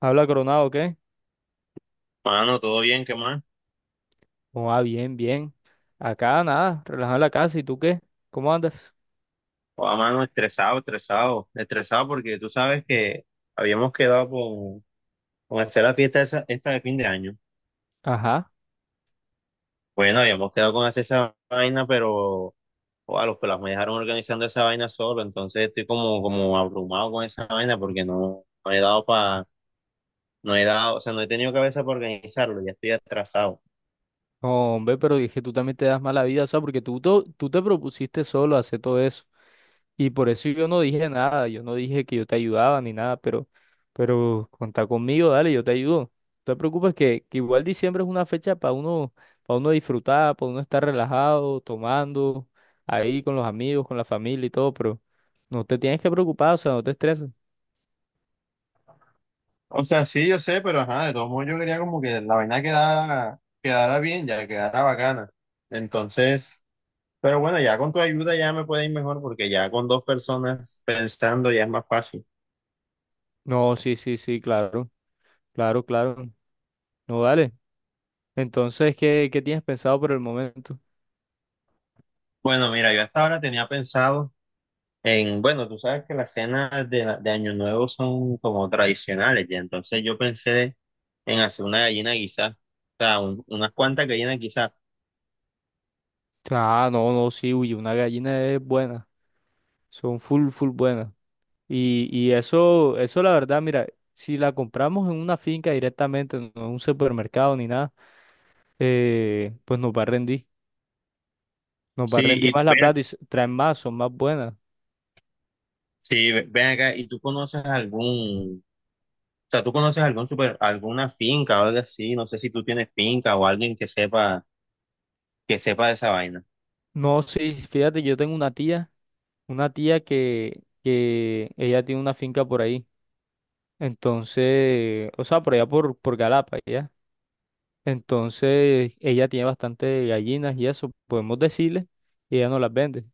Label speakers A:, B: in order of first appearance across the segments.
A: ¿Habla Coronado o qué?
B: Mano, todo bien, ¿qué más?
A: Oh, ah, bien, bien. Acá nada, relajado en la casa. ¿Y tú qué? ¿Cómo andas?
B: O a mano, estresado, estresado, estresado porque tú sabes que habíamos quedado con hacer la fiesta esa, esta de fin de año.
A: Ajá.
B: Bueno, habíamos quedado con hacer esa vaina, pero o a los pelas me dejaron organizando esa vaina solo, entonces estoy como abrumado con esa vaina porque no, no he dado para, no he dado, o sea, no he tenido cabeza para organizarlo, ya estoy atrasado.
A: Hombre, pero dije, tú también te das mala vida, o sea, porque tú te propusiste solo hacer todo eso. Y por eso yo no dije nada, yo no dije que yo te ayudaba ni nada, pero contá conmigo, dale, yo te ayudo. No te preocupes que igual diciembre es una fecha para uno disfrutar, para uno estar relajado, tomando, ahí con los amigos, con la familia y todo, pero no te tienes que preocupar, o sea, no te estreses.
B: O sea, sí, yo sé, pero ajá, de todos modos yo quería como que la vaina quedara, quedara bien, ya quedara bacana. Entonces, pero bueno, ya con tu ayuda ya me puede ir mejor porque ya con dos personas pensando ya es más fácil.
A: No, sí, sí, sí, claro, claro, claro. No, dale. Entonces, ¿qué tienes pensado por el momento?
B: Bueno, mira, yo hasta ahora tenía pensado en, bueno, tú sabes que las cenas de Año Nuevo son como tradicionales ya, entonces yo pensé en hacer una gallina quizás, o sea, unas cuantas gallinas quizás.
A: Ah, no, no, sí, uy, una gallina es buena. Son full, full buenas. Y eso la verdad, mira, si la compramos en una finca directamente, no en un supermercado ni nada, pues nos va a rendir. Nos va
B: Sí,
A: a rendir
B: y
A: más la
B: ven,
A: plata y traen más, son más buenas.
B: sí, ven acá, ¿y tú conoces algún, o sea, tú conoces algún super, alguna finca o algo así? No sé si tú tienes finca o alguien que sepa de esa vaina.
A: No, sí, fíjate, yo tengo una tía que ella tiene una finca por ahí. Entonces, o sea, por allá por Galapa, ¿ya? Entonces, ella tiene bastante gallinas y eso, podemos decirle, y ella no las vende.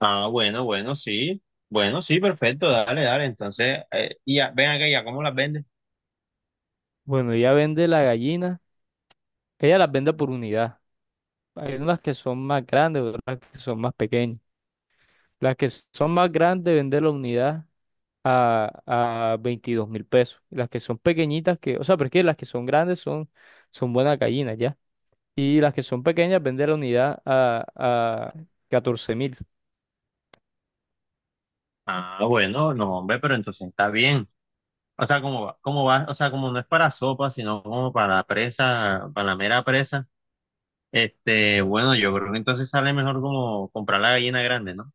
B: Ah, bueno, bueno, sí. Bueno, sí, perfecto, dale, dale. Entonces, y ya, ven acá, ya, ¿cómo las vendes?
A: Bueno, ella vende las gallinas, ella las vende por unidad. Hay unas que son más grandes, otras que son más pequeñas. Las que son más grandes vende la unidad a 22.000 pesos. Y las que son pequeñitas, que, o sea, porque las que son grandes son buenas gallinas, ¿ya? Y las que son pequeñas vende la unidad a 14.000.
B: Ah, bueno, no, hombre, pero entonces está bien. O sea, como va, o sea, como no es para sopa, sino como para presa, para la mera presa. Este, bueno, yo creo que entonces sale mejor como comprar la gallina grande, ¿no?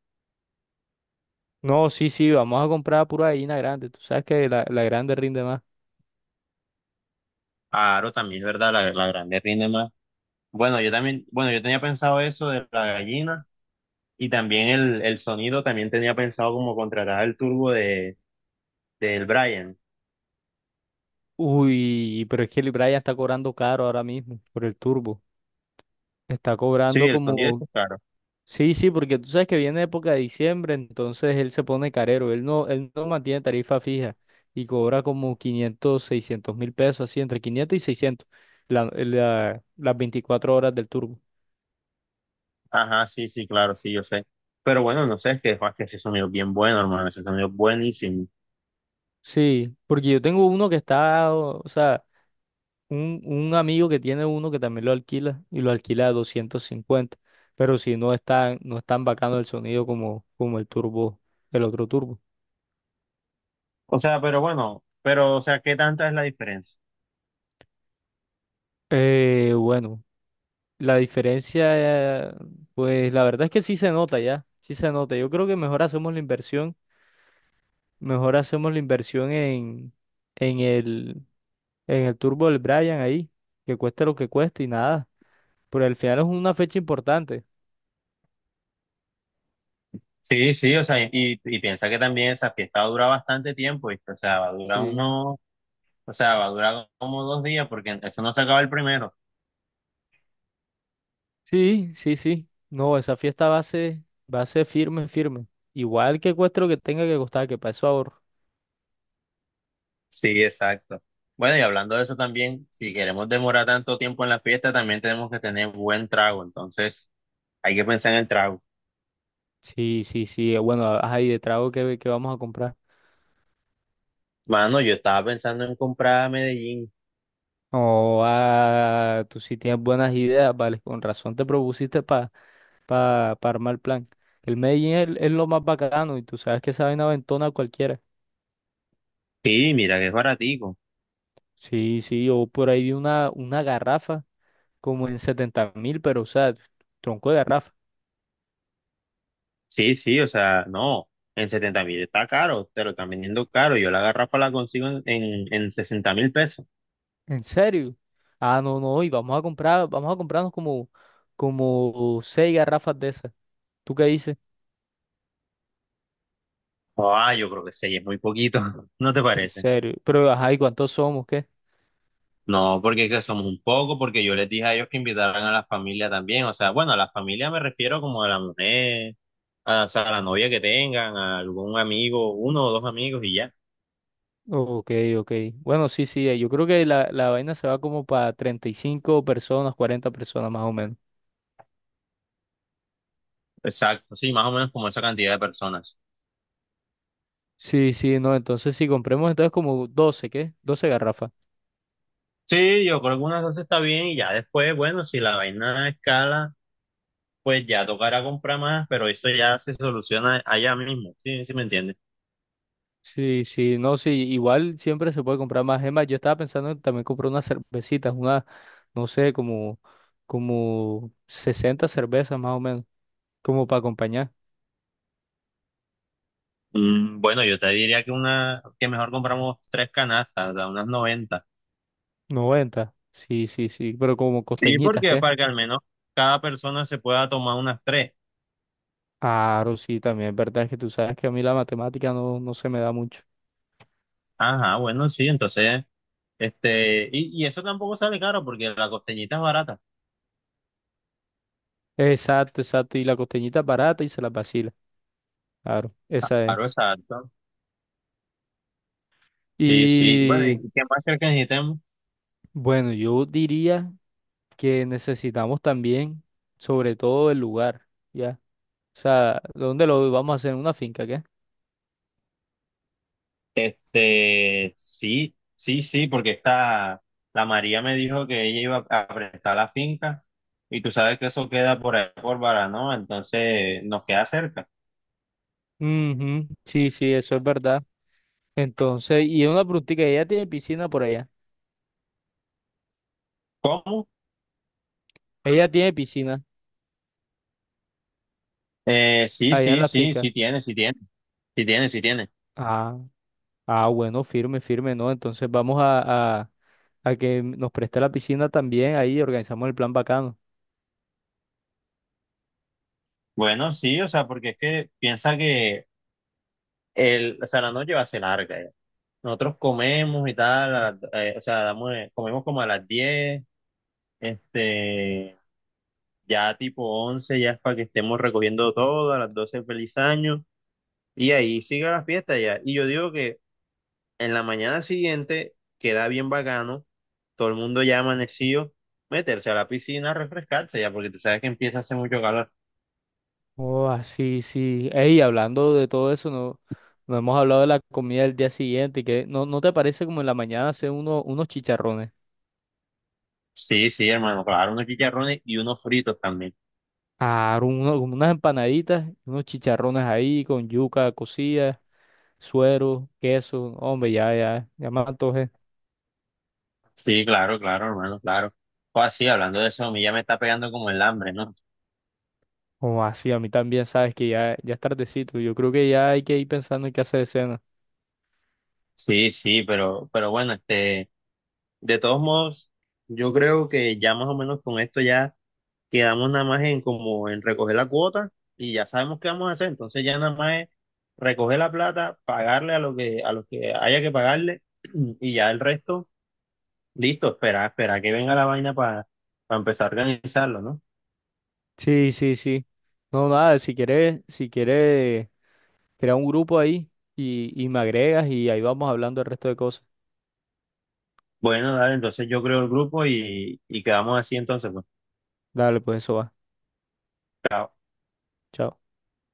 A: No, sí, sí, vamos a comprar pura gallina grande. Tú sabes que la grande rinde más.
B: Claro, también es verdad, la grande rinde más. Bueno, yo también, bueno, yo tenía pensado eso de la gallina y también el sonido, también tenía pensado como contratar el turbo de, del Brian.
A: Uy, pero es que el Brian está cobrando caro ahora mismo por el turbo. Está
B: Sí,
A: cobrando
B: el sonido
A: como.
B: es claro.
A: Sí, sí, porque tú sabes que viene época de diciembre, entonces él se pone carero. Él no mantiene tarifa fija y cobra como 500, 600.000 pesos, así, entre 500 y 600 las 24 horas del turbo.
B: Ajá, sí, sí, claro, sí, yo sé. Pero bueno, no sé, es que ese sonido es bien bueno, hermano, ese sonido es buenísimo.
A: Sí, porque yo tengo uno que está, o sea. Un amigo que tiene uno que también lo alquila y lo alquila a 250, pero si no está, no es tan bacano el sonido como el turbo, el otro turbo.
B: O sea, pero bueno, pero, o sea, ¿qué tanta es la diferencia?
A: Bueno, la diferencia, pues la verdad es que sí se nota ya, sí se nota. Yo creo que mejor hacemos la inversión en el, en el turbo del Brian ahí, que cueste lo que cueste y nada, pero al final es una fecha importante.
B: Sí, sí, o sea, y piensa que también esa fiesta dura bastante tiempo, ¿viste? O sea, va a durar
A: Sí.
B: uno, o sea, va a durar como 2 días, porque eso no se acaba el primero.
A: Sí, sí, sí. No, esa fiesta va a ser firme, firme. Igual que cueste lo que tenga que costar, que para eso ahorro.
B: Sí, exacto. Bueno, y hablando de eso también, si queremos demorar tanto tiempo en la fiesta, también tenemos que tener buen trago, entonces hay que pensar en el trago.
A: Sí, sí, sí. Bueno, ahí de trago que, vamos a comprar.
B: Mano, yo estaba pensando en comprar a Medellín.
A: No, ah, tú sí tienes buenas ideas, vale. Con razón te propusiste para pa, pa pa armar el plan. El Medellín es lo más bacano y tú sabes que esa vaina aventona a cualquiera.
B: Sí, mira que es baratico.
A: Sí, sí, yo por ahí vi una garrafa como en 70.000, pero o sea, tronco de garrafa.
B: Sí, sí, o sea, no, en 70.000 está caro, te lo están vendiendo caro. Yo la garrafa la consigo en 60 mil pesos.
A: ¿En serio? Ah, no, no, y vamos a comprarnos como seis garrafas de esas. ¿Tú qué dices?
B: Ah, yo creo que sí, es muy poquito, ¿no te
A: En
B: parece?
A: serio. Pero, ajá, ¿y cuántos somos? ¿Qué?
B: No, porque es que somos un poco, porque yo les dije a ellos que invitaran a la familia también. O sea, bueno, a la familia me refiero como a la mujer, a, o sea, a la novia que tengan, a algún amigo, uno o dos amigos y ya.
A: Ok, ok. Bueno, sí, sí, yo creo que la vaina se va como para 35 personas, 40 personas más o menos.
B: Exacto, sí, más o menos como esa cantidad de personas.
A: Sí, sí, no, entonces si compremos entonces como 12, ¿qué?, 12 garrafas.
B: Sí, yo creo que unas dos está bien y ya después, bueno, si la vaina escala, pues ya tocará comprar más, pero eso ya se soluciona allá mismo, ¿sí? ¿Sí me entiendes?
A: Sí, sí, no, sí, igual siempre se puede comprar más. Es más, yo estaba pensando en también comprar unas cervecitas, no sé, como 60 cervezas más o menos. Como para acompañar.
B: Bueno, yo te diría que una, que mejor compramos tres canastas, ¿verdad? Unas 90.
A: 90. Sí, sí, sí. Pero como
B: Sí,
A: costeñitas,
B: porque
A: ¿qué?
B: para que al menos cada persona se pueda tomar unas tres.
A: Claro, sí, también es verdad que tú sabes que a mí la matemática no se me da mucho.
B: Ajá, bueno, sí, entonces, este, y eso tampoco sale caro porque la costeñita es barata.
A: Exacto, exacto. Y la costeñita es barata y se la vacila. Claro, esa es.
B: Claro, exacto. Sí, sí. Bueno,
A: Y
B: ¿y qué más crees que necesitemos?
A: bueno, yo diría que necesitamos también, sobre todo, el lugar, ¿ya? O sea, ¿dónde lo vamos a hacer? ¿En una finca, qué?
B: Este, sí, sí, sí, porque esta, la María me dijo que ella iba a prestar la finca y tú sabes que eso queda por ahí, por Baranoa, entonces nos queda cerca.
A: Ujú, sí, sí, eso es verdad. Entonces, y una preguntita, ¿ella tiene piscina por allá?
B: ¿Cómo?
A: Ella tiene piscina
B: Sí,
A: allá en
B: sí,
A: la
B: sí,
A: finca.
B: sí tiene, sí tiene, sí tiene, sí tiene.
A: Ah, ah, bueno, firme, firme, ¿no? Entonces vamos a que nos preste la piscina también, ahí organizamos el plan bacano.
B: Bueno, sí, o sea, porque es que piensa que el, o sea, la noche va a ser larga ya. Nosotros comemos y tal, o sea, damos, comemos como a las 10, este... Ya tipo 11 ya es para que estemos recogiendo todo, a las 12 feliz año, y ahí sigue la fiesta ya. Y yo digo que en la mañana siguiente queda bien bacano, todo el mundo ya amanecido, meterse a la piscina a refrescarse ya, porque tú sabes que empieza a hacer mucho calor.
A: Oh, así, sí, sí. Ey, hablando de todo eso, no hemos hablado de la comida del día siguiente, y que no, ¿no te parece como en la mañana hacer unos chicharrones?
B: Sí, sí, hermano, claro, unos chicharrones y unos fritos también.
A: Ah, como unas empanaditas, unos chicharrones ahí con yuca cocida, suero, queso, hombre, ya, ya, ya me antojé.
B: Sí, claro, claro, hermano, claro. O así, hablando de eso, a mí ya me está pegando como el hambre, ¿no?
A: Oh, así, a mí también, sabes que ya, ya es tardecito, yo creo que ya hay que ir pensando en qué hacer de cena.
B: Sí, sí, pero bueno, este, de todos modos, yo creo que ya más o menos con esto ya quedamos nada más en como en recoger la cuota y ya sabemos qué vamos a hacer. Entonces ya nada más es recoger la plata, pagarle a lo que, a los que haya que pagarle y ya el resto, listo, espera, espera que venga la vaina para empezar a organizarlo, ¿no?
A: Sí, sí, sí. No, nada, si quieres, crea un grupo ahí y me agregas y ahí vamos hablando el resto de cosas.
B: Bueno, dale, entonces yo creo el grupo y quedamos así entonces, pues.
A: Dale, pues eso va.
B: Chao.
A: Chao.